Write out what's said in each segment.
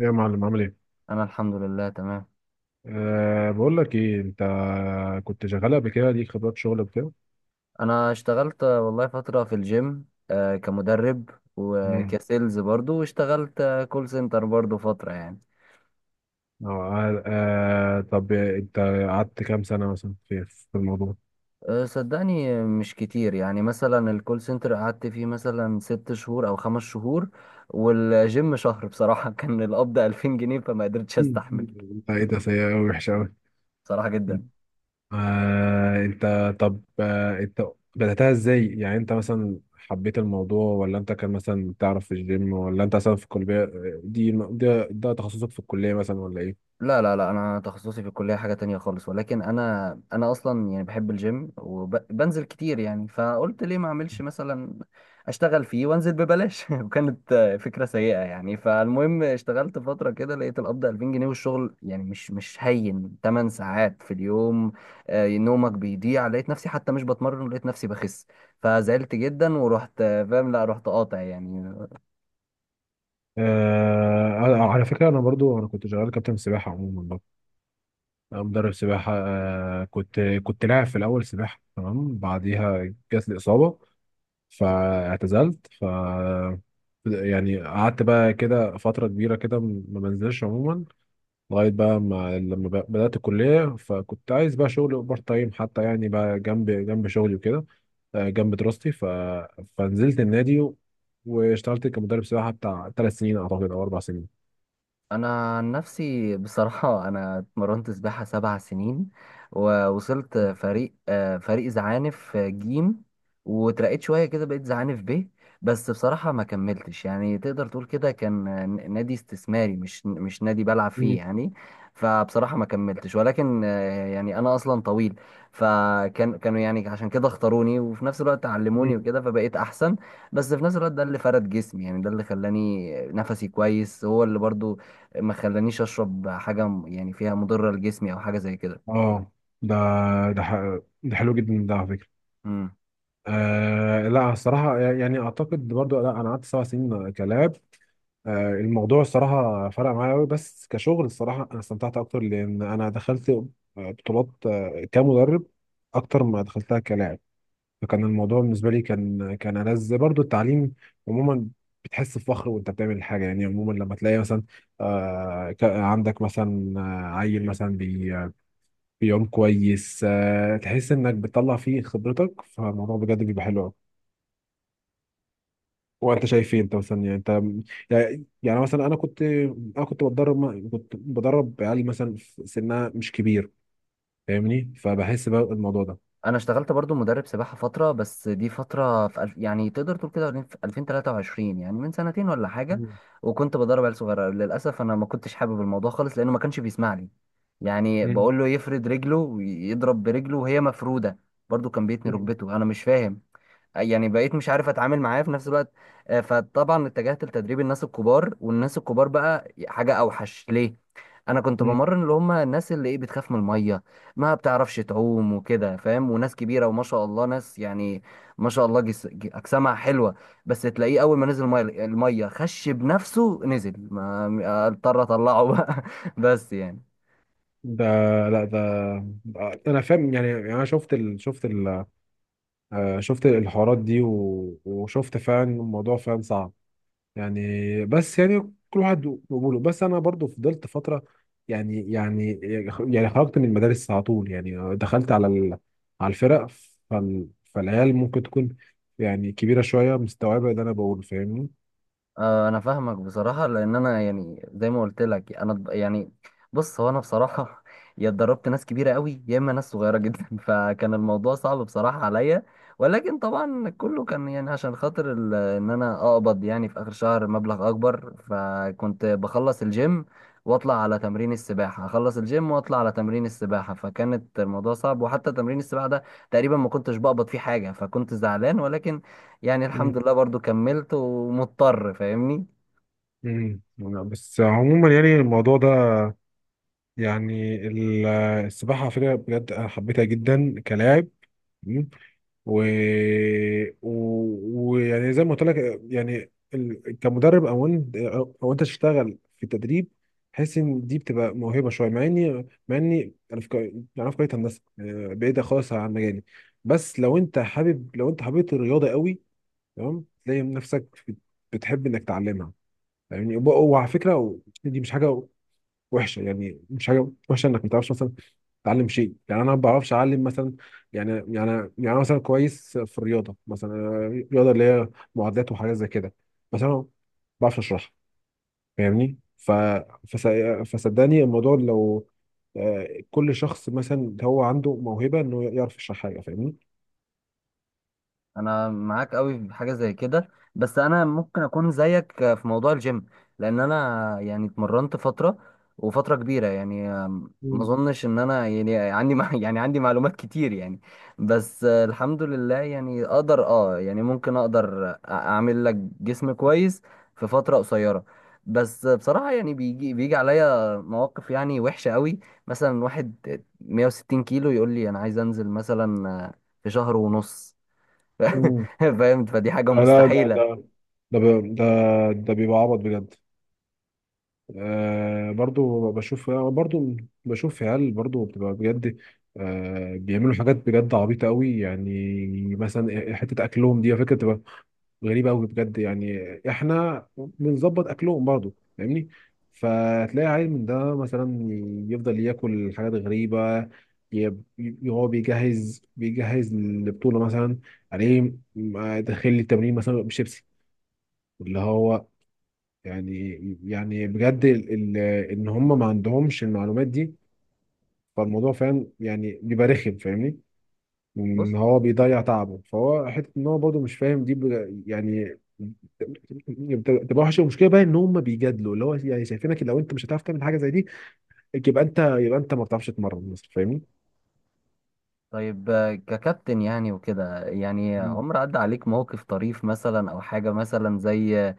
يا معلم عامل ايه؟ انا الحمد لله تمام. بقول لك ايه انت كنت شغال قبل كده ليك خبرات شغل وكده؟ انا اشتغلت والله فترة في الجيم، كمدرب، امم وكسيلز برضو. واشتغلت كول سنتر برضو فترة يعني. أه أه آه، طب انت قعدت كام سنة مثلا في الموضوع؟ صدقني، مش كتير يعني. مثلا الكول سنتر قعدت فيه مثلا 6 شهور او 5 شهور، والجيم شهر بصراحة. كان القبض 2000 جنيه فما قدرتش مم. استحمل انت ايه ده سيء قوي وحش قوي. بصراحة جدا. أه انت طب أه انت بدأتها ازاي؟ يعني انت مثلا حبيت الموضوع ولا انت كان مثلا تعرف في الجيم ولا انت مثلا في الكلية دي، ده تخصصك في الكلية مثلا ولا ايه؟ لا لا لا، انا تخصصي في الكليه حاجه تانية خالص، ولكن انا اصلا يعني بحب الجيم وبنزل كتير يعني. فقلت ليه ما اعملش مثلا اشتغل فيه وانزل ببلاش. وكانت فكره سيئه يعني. فالمهم اشتغلت فتره كده لقيت القبض 2000 جنيه، والشغل يعني مش هين، 8 ساعات في اليوم. نومك بيضيع. لقيت نفسي حتى مش بتمرن، لقيت نفسي بخس. فزعلت جدا ورحت فاهم، لا رحت قاطع يعني. أه على فكرة انا برضو كنت شغال كابتن سباحة عموما برضو. أنا مدرب سباحة، كنت لاعب في الأول سباحة، تمام. بعديها جات لي إصابة فاعتزلت. يعني قعدت بقى كده فترة كبيرة كده ما بنزلش عموما لغاية بقى ما لما بدأت الكلية، فكنت عايز بقى شغل بارت تايم حتى، يعني بقى جنب شغلي وكده، جنب دراستي. فنزلت النادي واشتغلت كمدرب سباحة بتاع 3 سنين أعتقد أو 4 سنين. انا عن نفسي بصراحه انا اتمرنت سباحه 7 سنين، ووصلت فريق فريق زعانف جيم. واترقيت شويه كده بقيت زعانف ب، بس بصراحه ما كملتش. يعني تقدر تقول كده كان نادي استثماري، مش نادي بلعب فيه يعني. فبصراحه ما كملتش، ولكن يعني انا اصلا طويل، فكان كانوا يعني عشان كده اختاروني، وفي نفس الوقت علموني مم. وكده، فبقيت احسن. بس في نفس الوقت ده اللي فرد جسمي يعني، ده اللي خلاني نفسي كويس هو اللي برضو ما خلانيش اشرب حاجه يعني فيها مضره لجسمي او حاجه زي كده. اه ده ده حلو جدا ده على فكره. امم، لا الصراحه يعني اعتقد برضو، لا انا قعدت 7 سنين كلاب. آه الموضوع الصراحه فرق معايا قوي، بس كشغل الصراحه انا استمتعت اكتر، لان انا دخلت بطولات كمدرب اكتر ما دخلتها كلاعب. فكان الموضوع بالنسبه لي كان ألذ برضو، التعليم عموما. بتحس بفخر وانت بتعمل حاجه، يعني عموما لما تلاقي مثلا عندك مثلا عيل مثلا يوم كويس، تحس انك بتطلع فيه خبرتك، فالموضوع بجد بيبقى حلو قوي. وانت شايف ايه؟ انت مثلا يعني انت يعني يعني مثلا انا كنت انا كنت كنت بدرب عيال مثلا في سنها مش كبير، فاهمني؟ فبحس بقى الموضوع ده. انا اشتغلت برضو مدرب سباحه فتره. بس دي فتره يعني تقدر تقول كده في 2023، يعني من سنتين ولا حاجه. مم. وكنت بدرب عيال صغيره. للاسف انا ما كنتش حابب الموضوع خالص لانه ما كانش بيسمع لي. يعني مم. بقول له يفرد رجله ويضرب برجله وهي مفروده. برضو كان بيتني مم. ركبته، انا مش فاهم. يعني بقيت مش عارف اتعامل معاه في نفس الوقت. فطبعا اتجهت لتدريب الناس الكبار، والناس الكبار بقى حاجة اوحش ليه. انا كنت مم. بمرن اللي هم الناس اللي ايه بتخاف من المية، ما بتعرفش تعوم وكده فاهم. وناس كبيرة وما شاء الله. ناس يعني ما شاء الله اجسامها حلوة. بس تلاقيه اول ما نزل المية، المية خش بنفسه، نزل ما اضطر اطلعه بقى. بس يعني ده لا ده ده انا فاهم، يعني يعني انا شفت ال... شفت ال... آه، شفت الحوارات دي، وشفت فعلا الموضوع فعلا صعب يعني. بس يعني كل واحد وقبوله. بس انا برضو فضلت فتره، يعني يعني خرجت من المدارس على طول، يعني دخلت على على الفرق. فالعيال ممكن تكون يعني كبيره شويه مستوعبه اللي انا بقوله، فاهمني؟ انا فاهمك بصراحه. لان انا يعني زي ما قلت لك يعني بص. هو انا بصراحه يا اتدربت ناس كبيره قوي يا اما ناس صغيره جدا. فكان الموضوع صعب بصراحه عليا. ولكن طبعا كله كان يعني عشان خاطر ان انا اقبض يعني في اخر شهر مبلغ اكبر، فكنت بخلص الجيم واطلع على تمرين السباحه، اخلص الجيم واطلع على تمرين السباحه. فكانت الموضوع صعب. وحتى تمرين السباحه ده تقريبا ما كنتش بقبض فيه حاجه، فكنت زعلان. ولكن يعني مم. الحمد لله برضو كملت ومضطر فاهمني. مم. بس عموما يعني الموضوع ده، يعني ال- السباحه على فكره بجد انا حبيتها جدا كلاعب. و... و... ويعني زي ما قلت لك يعني كمدرب او انت او انت تشتغل في التدريب، حس ان دي بتبقى موهبه شويه، مع اني انا في كليه هندسه بعيده خالص عن مجالي. بس لو انت حابب، لو انت حبيت الرياضه قوي تمام تلاقي نفسك بتحب انك تعلمها يعني. وعلى فكره دي مش حاجه وحشه، يعني مش حاجه وحشه انك ما تعرفش مثلا تعلم شيء. يعني انا ما بعرفش اعلم مثلا، يعني يعني أنا مثلا كويس في الرياضه مثلا، أنا الرياضه اللي هي معادلات وحاجات زي كده، بس انا ما بعرفش اشرحها، فاهمني؟ فس... فصدقني الموضوع لو كل شخص مثلا هو عنده موهبه انه يعرف يشرح حاجه، فاهمني؟ انا معاك قوي في حاجه زي كده، بس انا ممكن اكون زيك في موضوع الجيم، لان انا يعني اتمرنت فتره وفتره كبيره يعني. ما مم. اظنش ان انا يعني عندي مع- يعني عندي معلومات كتير يعني. بس الحمد لله يعني اقدر اه يعني ممكن اقدر اعمل لك جسم كويس في فتره قصيره. بس بصراحه يعني بيجي عليا مواقف يعني وحشه قوي. مثلا واحد 160 كيلو يقول لي انا عايز انزل مثلا في شهر ونص. مم. فاهم فدي حاجة لا لا ده مستحيلة. ده ده بي- ده ده بيبقى عبط بجد. آه برضو بشوف، برضو بشوف عيال برضو بتبقى بجد آه بيعملوا حاجات بجد عبيطة قوي يعني. مثلا حتة أكلهم دي على فكرة بتبقى غريبة قوي بجد يعني. إحنا بنظبط أكلهم برضو، فاهمني؟ فتلاقي عيل من ده مثلا يفضل ياكل حاجات غريبة. ي- هو بيجهز للبطولة مثلا، عليه داخل التمرين مثلا بشيبسي، اللي هو يعني يعني بجد ال ال ان هم ما عندهمش المعلومات دي. فالموضوع فاهم، يعني بيبقى رخم، فاهمني؟ بص ان هو بيضيع تعبه. فهو حته ان هو برضه مش فاهم دي يعني بتبقى وحشه. المشكله بقى ان هم بيجادلوا، اللي هو يعني شايفينك لو انت مش هتعرف تعمل حاجه زي دي يبقى انت، ما بتعرفش تتمرن مثلا، فاهمني؟ طيب، آه، ككابتن يعني وكده يعني مم. عمر عدى عليك موقف طريف مثلا او حاجة مثلا زي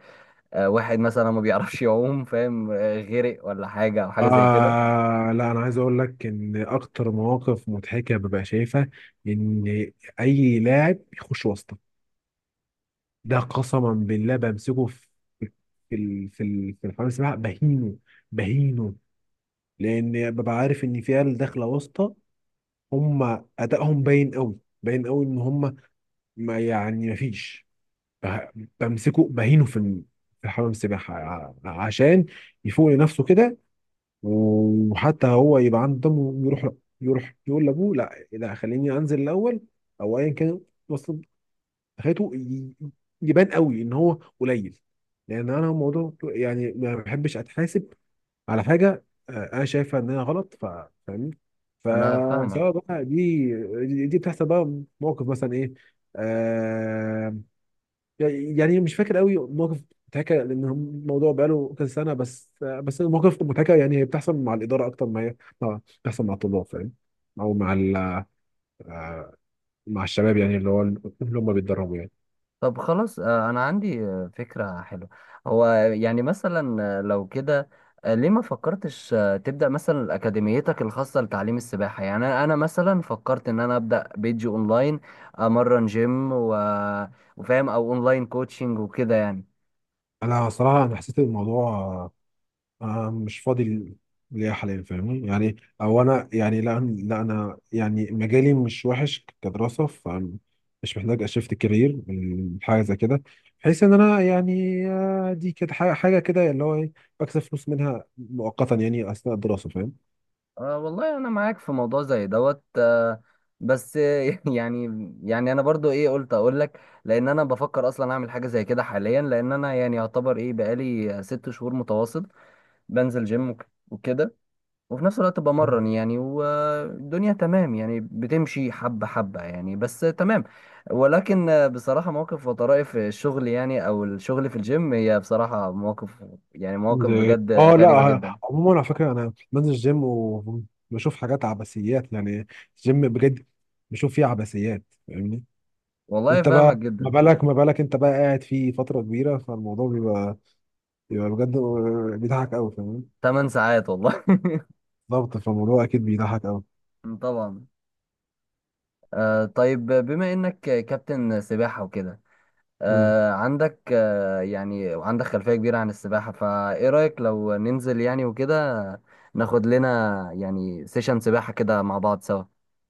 آه، واحد مثلا ما بيعرفش يعوم فاهم آه، غرق ولا حاجة او حاجة زي كده لا انا عايز اقول لك ان اكتر مواقف مضحكه ببقى شايفها ان اي لاعب بيخش واسطه ده قسما بالله بمسكه في الحمام السباحه بهينه، بهينه، لان ببقى عارف ان في عيال داخله واسطه، هم ادائهم باين قوي. باين قوي ان هم ما فيش. بمسكه بهينه في حمام السباحه عشان يفوق لنفسه كده، وحتى هو يبقى عنده دم ويروح، يروح يقول لابوه لا لا خليني انزل الاول او ايا كان. حياته يبان قوي ان هو قليل. لان انا الموضوع يعني ما بحبش اتحاسب على حاجه انا شايفها انها غلط. فاهمني؟ انا فاهمك فسواء بقى دي، بتحصل بقى موقف مثلا ايه. آه يعني مش فاكر قوي موقف متهكة لان الموضوع بقاله كذا سنه، بس بس المواقف المتهكة يعني هي بتحصل مع الاداره اكتر ما هي بتحصل مع الطلاب، فاهم؟ او مع ال- آه، مع الشباب، يعني اللي هو اللي هم بيتدربوا يعني. طب خلاص انا عندي فكرة حلوة. هو يعني مثلا لو كده ليه ما فكرتش تبدأ مثلا أكاديميتك الخاصة لتعليم السباحة؟ يعني أنا مثلا فكرت إن أنا أبدأ بيج أونلاين، أمرن جيم و... وفاهم، أو أونلاين كوتشنج وكده يعني. انا صراحه انا حسيت الموضوع انا مش فاضي ليا حاليا، فاهمني يعني؟ او انا يعني لا لا انا يعني مجالي مش وحش كدراسه، فمش محتاج اشفت كارير من حاجه زي كده، بحيث ان انا يعني دي كده حاجه حاجة كده اللي هو ايه، بكسب فلوس منها مؤقتا يعني اثناء الدراسه، فاهم؟ أه والله أنا معاك في موضوع زي دوت أه. بس يعني يعني أنا برضو إيه قلت أقول لك. لأن أنا بفكر أصلا أعمل حاجة زي كده حاليا. لأن أنا يعني يعتبر إيه بقالي 6 شهور متواصل بنزل جيم وكده. وفي نفس الوقت بمرن يعني، والدنيا تمام يعني، بتمشي حبة حبة يعني، بس تمام. ولكن بصراحة مواقف وطرائف الشغل يعني، أو الشغل في الجيم، هي بصراحة مواقف يعني مواقف زي بجد اه لا غريبة جدا. آه، عموما على فكره انا بنزل الجيم وبشوف حاجات عبثيات يعني. الجيم بجد بشوف فيه عبثيات، فاهمني؟ والله انت بقى، فاهمك ما جدا. بالك ما بالك انت بقى قاعد فيه فترة كبيرة، فالموضوع بيبقى بجد بيضحك قوي، فاهم؟ 8 ساعات والله. ضغط، فالموضوع اكيد بيضحك قوي. طبعا. آه طيب، بما إنك كابتن سباحة وكده، مم. آه عندك آه يعني عندك خلفية كبيرة عن السباحة. فإيه رأيك لو ننزل يعني وكده، ناخد لنا يعني سيشن سباحة كده مع بعض سوا؟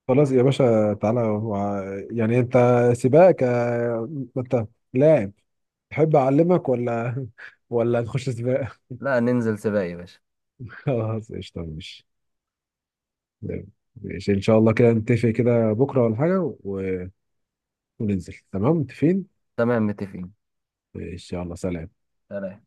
خلاص يا باشا تعالى يعني انت سباق، ك ما انت لاعب، تحب اعلمك ولا ولا نخش سباق؟ لا ننزل سباق يا باشا. خلاص قشطة، ماشي. تمام. ماشي ان شاء الله كده نتفق كده بكرة ولا حاجة وننزل، تمام؟ متفقين تمام متفقين. ان شاء الله. سلام. سلام.